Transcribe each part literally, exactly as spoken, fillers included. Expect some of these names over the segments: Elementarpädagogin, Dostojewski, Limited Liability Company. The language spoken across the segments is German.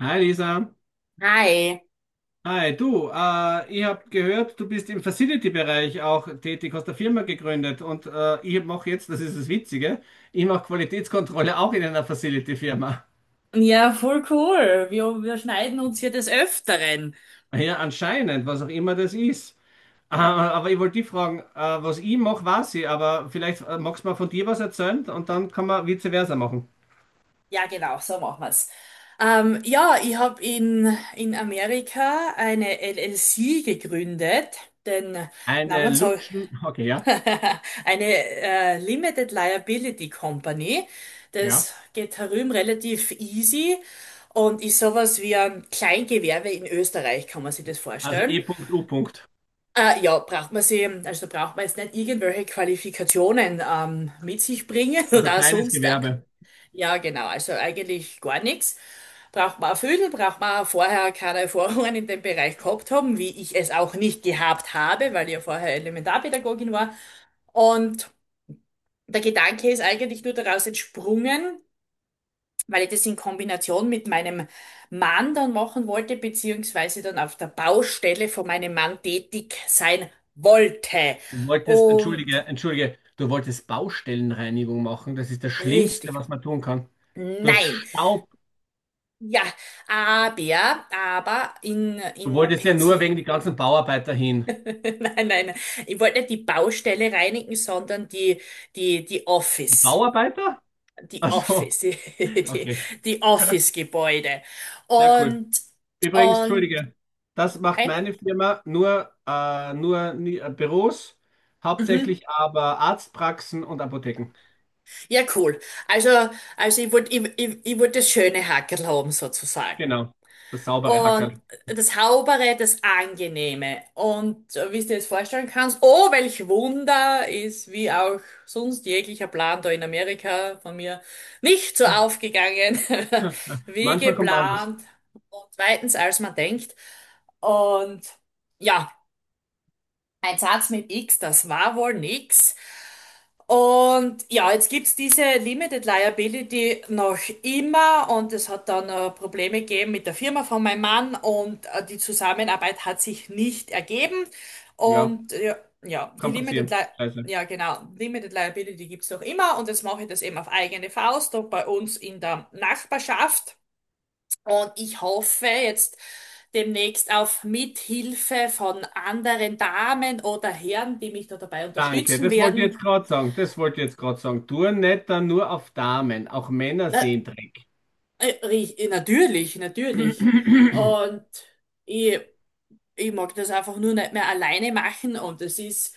Hi Lisa. Hi. Hi, du, äh, ich habe gehört, du bist im Facility-Bereich auch tätig, hast eine Firma gegründet und äh, ich mache jetzt, das ist das Witzige, ich mache Qualitätskontrolle auch in einer Facility-Firma. Ja, voll cool. Wir, wir schneiden uns hier des Öfteren. Ja, anscheinend, was auch immer das ist. Äh, aber ich wollte dich fragen, äh, was ich mache, weiß ich, aber vielleicht äh, magst du mal von dir was erzählen und dann kann man vice versa machen. Ja, genau, so machen wir's. Ähm, ja, ich habe in, in Amerika eine L L C gegründet, den Eine Namen so Lutschen, okay, ja, eine äh, Limited Liability Company. ja. Das geht herum relativ easy und ist sowas wie ein Kleingewerbe in Österreich, kann man sich das Also vorstellen. E U. Äh, ja, braucht man sie, also braucht man jetzt nicht irgendwelche Qualifikationen ähm, mit sich bringen Also oder kleines sonst. äh, Gewerbe. Ja, genau, also eigentlich gar nichts. Braucht man erfüllen, braucht man vorher keine Erfahrungen in dem Bereich gehabt haben, wie ich es auch nicht gehabt habe, weil ich ja vorher Elementarpädagogin war. Und der Gedanke ist eigentlich nur daraus entsprungen, weil ich das in Kombination mit meinem Mann dann machen wollte, beziehungsweise dann auf der Baustelle von meinem Mann tätig sein wollte. Du wolltest, Und entschuldige, entschuldige, du wolltest Baustellenreinigung machen. Das ist das Schlimmste, richtig. was man tun kann. Du hast Nein. Staub. Ja, aber, aber in, Du in wolltest ja nur Pensil. wegen die ganzen Bauarbeiter hin. Nein, nein. Ich wollte nicht die Baustelle reinigen, sondern die, die, die Die Office. Bauarbeiter? Die Also, Office, die, die okay, die Office-Gebäude. sehr cool. Und, Übrigens, und, entschuldige, das macht okay. meine Firma nur, äh, nur nie- äh, Büros, Mhm. hauptsächlich aber Arztpraxen und Apotheken. Ja, cool. Also, also ich wollte ich, ich, ich wollt das schöne Hackerl haben, sozusagen. Genau, das saubere Und Hackerl. das Saubere, das Angenehme. Und äh, wie du dir das vorstellen kannst, oh, welch Wunder ist, wie auch sonst jeglicher Plan da in Amerika von mir nicht so aufgegangen, wie Manchmal kommt anders. geplant. Und zweitens, als man denkt. Und ja, ein Satz mit X, das war wohl nix. Und ja, jetzt gibt's diese Limited Liability noch immer, und es hat dann äh, Probleme gegeben mit der Firma von meinem Mann, und äh, die Zusammenarbeit hat sich nicht ergeben. Ja, Und ja, ja, die kann Limited passieren. Li Scheiße. ja, genau, Limited Liability gibt's noch immer, und jetzt mache ich das eben auf eigene Faust und bei uns in der Nachbarschaft. Und ich hoffe jetzt demnächst auf Mithilfe von anderen Damen oder Herren, die mich da dabei Danke, unterstützen das wollte ich jetzt werden. gerade sagen. Das wollte ich jetzt gerade sagen. Touren nicht dann nur auf Damen, auch Männer Ne. sehen Dreck. Äh, ri- äh, Natürlich, natürlich. Und ich, ich mag das einfach nur nicht mehr alleine machen, und das ist,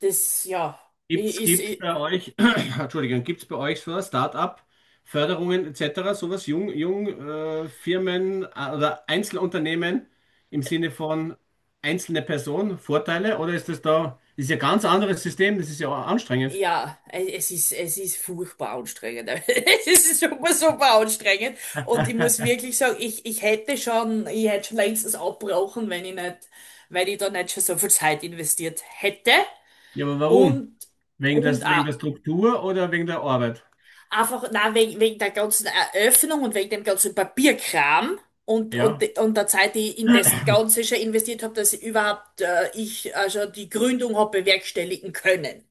das, ja, ich, Gibt's, ist, gibt's ich, bei euch, Entschuldigung, gibt's bei euch so ein Start-up, Förderungen et cetera, sowas, Jung, Jung, äh, Firmen äh, oder Einzelunternehmen im Sinne von einzelne Person, Vorteile? Oder ist das da, das ist ja ein ganz anderes System, das ist ja auch anstrengend. ja, äh, es ist, es ist furchtbar anstrengend. Es ist super, super anstrengend. Und ich muss wirklich sagen, ich, ich hätte schon, ich hätte schon längstens abgebrochen, wenn ich nicht, wenn ich da nicht schon so viel Zeit investiert hätte Ja, aber warum? und, Wegen der, und wegen auch. der Struktur oder wegen der Arbeit? Einfach, na, wegen, wegen der ganzen Eröffnung und wegen dem ganzen Papierkram und, und, Ja. und der Zeit, die ich in das Ganze schon investiert habe, dass ich überhaupt äh, ich also die Gründung habe bewerkstelligen können,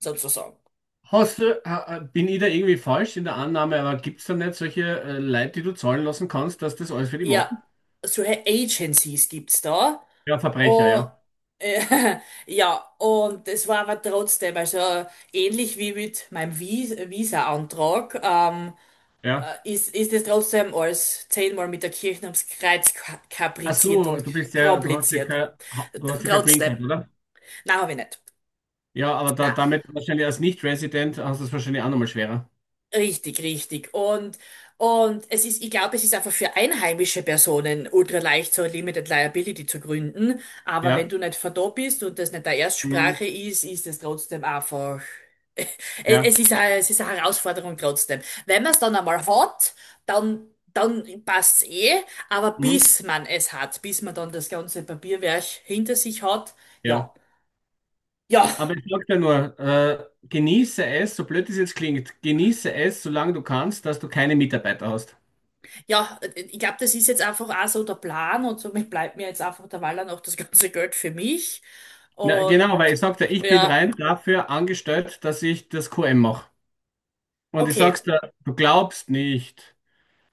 sozusagen. Hast du, ha- bin ich da irgendwie falsch in der Annahme, aber gibt es da nicht solche äh, Leute, die du zahlen lassen kannst, dass das alles für die Ja, machen? solche Agencies gibt's da. Ja, Verbrecher, Und, ja. äh, ja, und es war aber trotzdem, also ähnlich wie mit meinem Vis- Visa-Antrag. Ähm, Ja. ist, ist es trotzdem alles zehnmal mit der Kirche ums Kreuz ka- Ach kapriziert so, und du bist ja, du hast ja kompliziert. kein, ha- T- du hast ja kein Green Trotzdem. Card, oder? Nein, habe ich nicht. Ja, aber da, Nein. damit wahrscheinlich als Nicht-Resident hast du es wahrscheinlich auch nochmal schwerer. Richtig, richtig. Und, und es ist, ich glaube, es ist einfach für einheimische Personen ultra leicht, so eine Limited Liability zu gründen. Aber wenn Ja. du nicht verdorben bist und das nicht deine Mhm. Erstsprache ist, ist es trotzdem einfach. Ja. Es ist eine, es ist eine Herausforderung trotzdem. Wenn man es dann einmal hat, dann, dann passt's eh. Aber Mhm. bis man es hat, bis man dann das ganze Papierwerk hinter sich hat, ja. Ja. Ja. Aber ich sag dir nur, äh, genieße es, so blöd es jetzt klingt, genieße es, solange du kannst, dass du keine Mitarbeiter hast. Ja, äh, ich glaube, das ist jetzt einfach auch so der Plan, und somit bleibt mir jetzt einfach der Waller noch das ganze Geld für mich. Na, Und genau, weil ich sagte, ich bin ja, rein dafür angestellt, dass ich das Q M mache. Und ich okay. sag's dir, du glaubst nicht.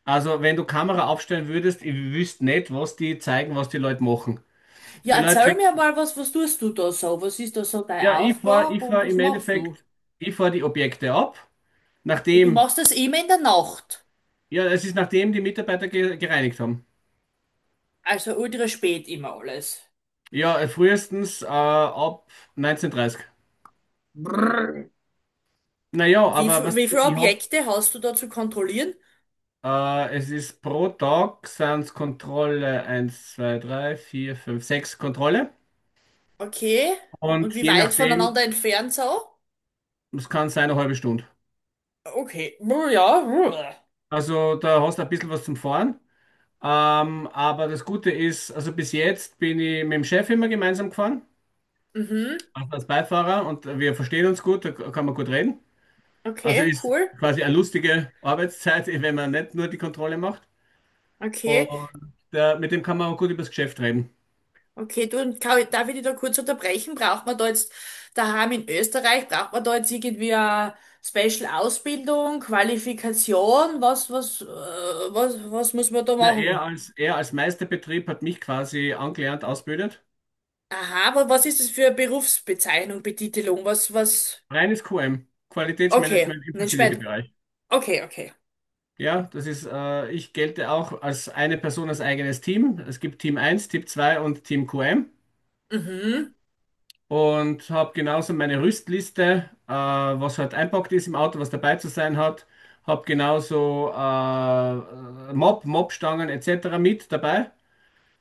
Also, wenn du Kamera aufstellen würdest, ich wüsste nicht, was die zeigen, was die Leute machen. Ja, Die Leute erzähl kriegen, mir mal was. Was tust du da so? Was ist da so ja, deine ich fahr, Aufgabe, ich und fahr was im machst du? Endeffekt, ich fahr die Objekte ab, Du nachdem, machst das immer in der Nacht. ja, es ist nachdem die Mitarbeiter ge gereinigt haben. Also ultra spät immer alles. Ja, äh, frühestens äh, ab neunzehn Uhr dreißig. Brrr. Naja, Wie, aber viel- was wie viele ich hab, Objekte hast du da zu kontrollieren? äh, es ist pro Tag sind's Kontrolle eins, zwei, drei, vier, fünf, sechs Kontrolle. Okay. Und Und wie je weit nachdem, voneinander entfernt so? es kann sein eine halbe Stunde. Okay. Brr. Ja. Brr. Also da hast du ein bisschen was zum Fahren. Ähm, aber das Gute ist, also bis jetzt bin ich mit dem Chef immer gemeinsam gefahren, Mhm. also als Beifahrer und wir verstehen uns gut, da kann man gut reden. Also Okay, ist cool. quasi eine lustige Arbeitszeit, wenn man nicht nur die Kontrolle macht. Okay. Und äh, mit dem kann man auch gut über das Geschäft reden. Okay, du, und kann darf ich dich da kurz unterbrechen? Braucht man da jetzt daheim in Österreich, braucht man da jetzt irgendwie eine Special-Ausbildung, Qualifikation? Was, was, äh, was, was muss man da Na, er machen? als, er als Meisterbetrieb hat mich quasi angelernt, ausgebildet. Aha, aber was ist das für eine Berufsbezeichnung, Betitelung? Was, was? Reines Q M, Okay, Qualitätsmanagement im nein, spät. Facility-Bereich. Okay, okay. Ja, das ist, äh, ich gelte auch als eine Person als eigenes Team. Es gibt Team eins, Team zwei und Team Q M Mhm. und habe genauso meine Rüstliste, äh, was halt einpackt ist im Auto, was dabei zu sein hat. Habe genauso äh, Mob, Mobstangen et cetera mit dabei,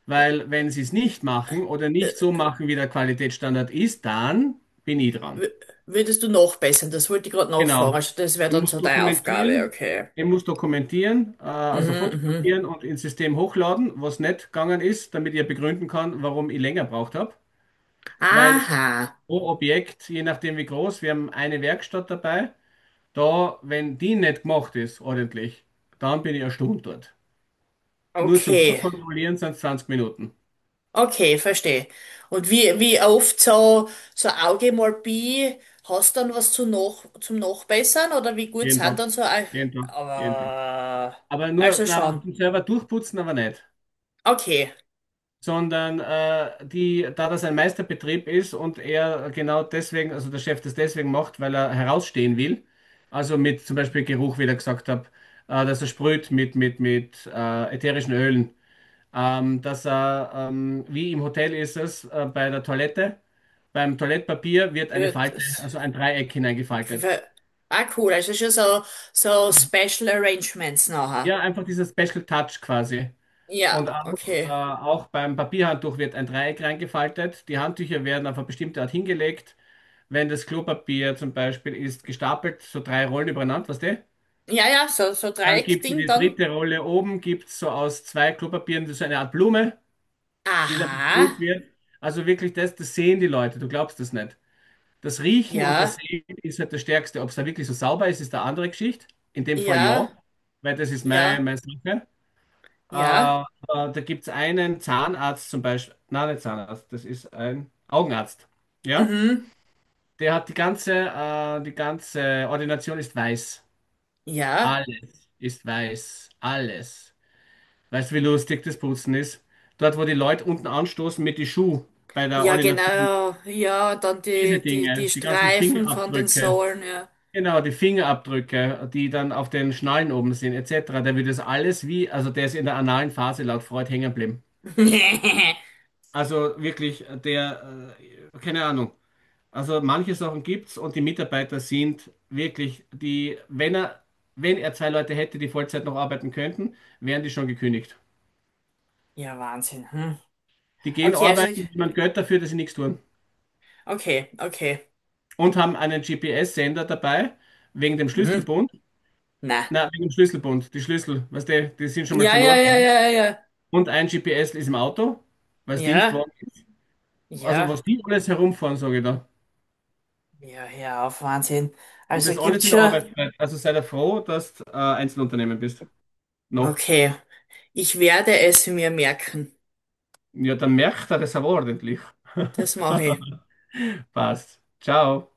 weil wenn sie es nicht machen oder nicht so Äh, machen, wie der Qualitätsstandard ist, dann bin ich dran. w- Würdest du nachbessern? Das wollte ich gerade nachfragen. Genau. Also das wäre Er dann muss so deine Aufgabe, dokumentieren, okay. er muss dokumentieren, äh, also Mhm, mhm. fotografieren und ins System hochladen, was nicht gegangen ist, damit ich ja begründen kann, warum ich länger braucht habe. Weil Aha, pro Objekt, je nachdem wie groß, wir haben eine Werkstatt dabei, da, wenn die nicht gemacht ist, ordentlich, dann bin ich eine Stunde dort. Nur zum okay. Durchkontrollieren sind es zwanzig Minuten. Okay, verstehe. Und wie, wie oft so, so, Augemalpie, hast dann was zu noch, zum Nachbessern, oder wie gut Jeden sind Tag, dann so, Au- jeden Tag, jeden Tag. aber, Aber nur, also na, aber schon. zum selber durchputzen aber nicht. Okay, Sondern äh, die, da das ein Meisterbetrieb ist und er genau deswegen, also der Chef das deswegen macht, weil er herausstehen will, also mit zum Beispiel Geruch, wie ich da gesagt habe, äh, dass er sprüht mit, mit, mit äh, ätherischen Ölen, ähm, dass er, ähm, wie im Hotel ist es, äh, bei der Toilette, beim Toilettpapier wird eine Äh, Falte, das, also ein Dreieck hineingefaltet. ah, cool, also schon so, so Special Arrangements nachher. Ja, einfach dieser Special Touch quasi. Und Ja, auch, äh, okay. auch beim Papierhandtuch wird ein Dreieck reingefaltet. Die Handtücher werden auf eine bestimmte Art hingelegt. Wenn das Klopapier zum Beispiel ist gestapelt, so drei Rollen übereinander, weißt du? Ja, ja, so, so Dann gibt es Dreieckding die dann. dritte Rolle oben, gibt es so aus zwei Klopapieren so eine Art Blume, die dann Aha, besprüht wird. Also wirklich das, das sehen die Leute, du glaubst das nicht. Das Riechen und das ja, Sehen ist halt das Stärkste. Ob es da wirklich so sauber ist, ist eine andere Geschichte. In dem Fall ja, ja, weil das ist ja, meine, meine Sache. Äh, ja, äh, Da gibt es einen Zahnarzt zum Beispiel, nein, nicht Zahnarzt, das ist ein Augenarzt. Ja? mhm, Der hat die ganze, äh, die ganze Ordination ist weiß. ja. Alles ist weiß. Alles. Weißt du, wie lustig das Putzen ist? Dort, wo die Leute unten anstoßen mit die Schuh bei der Ja, Ordination. genau. Ja, und dann Diese die, die, Dinge, die die ganzen Streifen von den Fingerabdrücke. Sohlen, ja. Genau, die Fingerabdrücke, die dann auf den Schnallen oben sind, et cetera. Der wird das alles wie, also der ist in der analen Phase laut Freud hängen geblieben. Also wirklich, äh, der, äh, keine Ahnung. Also manche Sachen gibt's und die Mitarbeiter sind wirklich die, wenn er, wenn er zwei Leute hätte, die Vollzeit noch arbeiten könnten, wären die schon gekündigt. Ja, Wahnsinn. Hm. Die gehen Okay, also, ich- arbeiten, wie man Geld dafür, dass sie nichts tun. okay, okay. Und haben einen G P S-Sender dabei, wegen dem Hm, Schlüsselbund. na. Na, wegen dem Schlüsselbund, die Schlüssel, weißt du, die sind schon mal Ja, ja, verloren. ja, ja, ja. Und ein G P S ist im Auto, weil es Ja, Dienstwagen ist. Also ja. was die alles herumfahren, sage ich da. Ja, hör auf, Wahnsinn. Und Also das alles gibt's in der schon. Arbeitszeit. Also sei da froh, dass du äh, Einzelunternehmen bist. Noch. Okay, ich werde es mir merken. Ja, dann merkt er das aber ordentlich. Das mache ich. Passt. Ciao.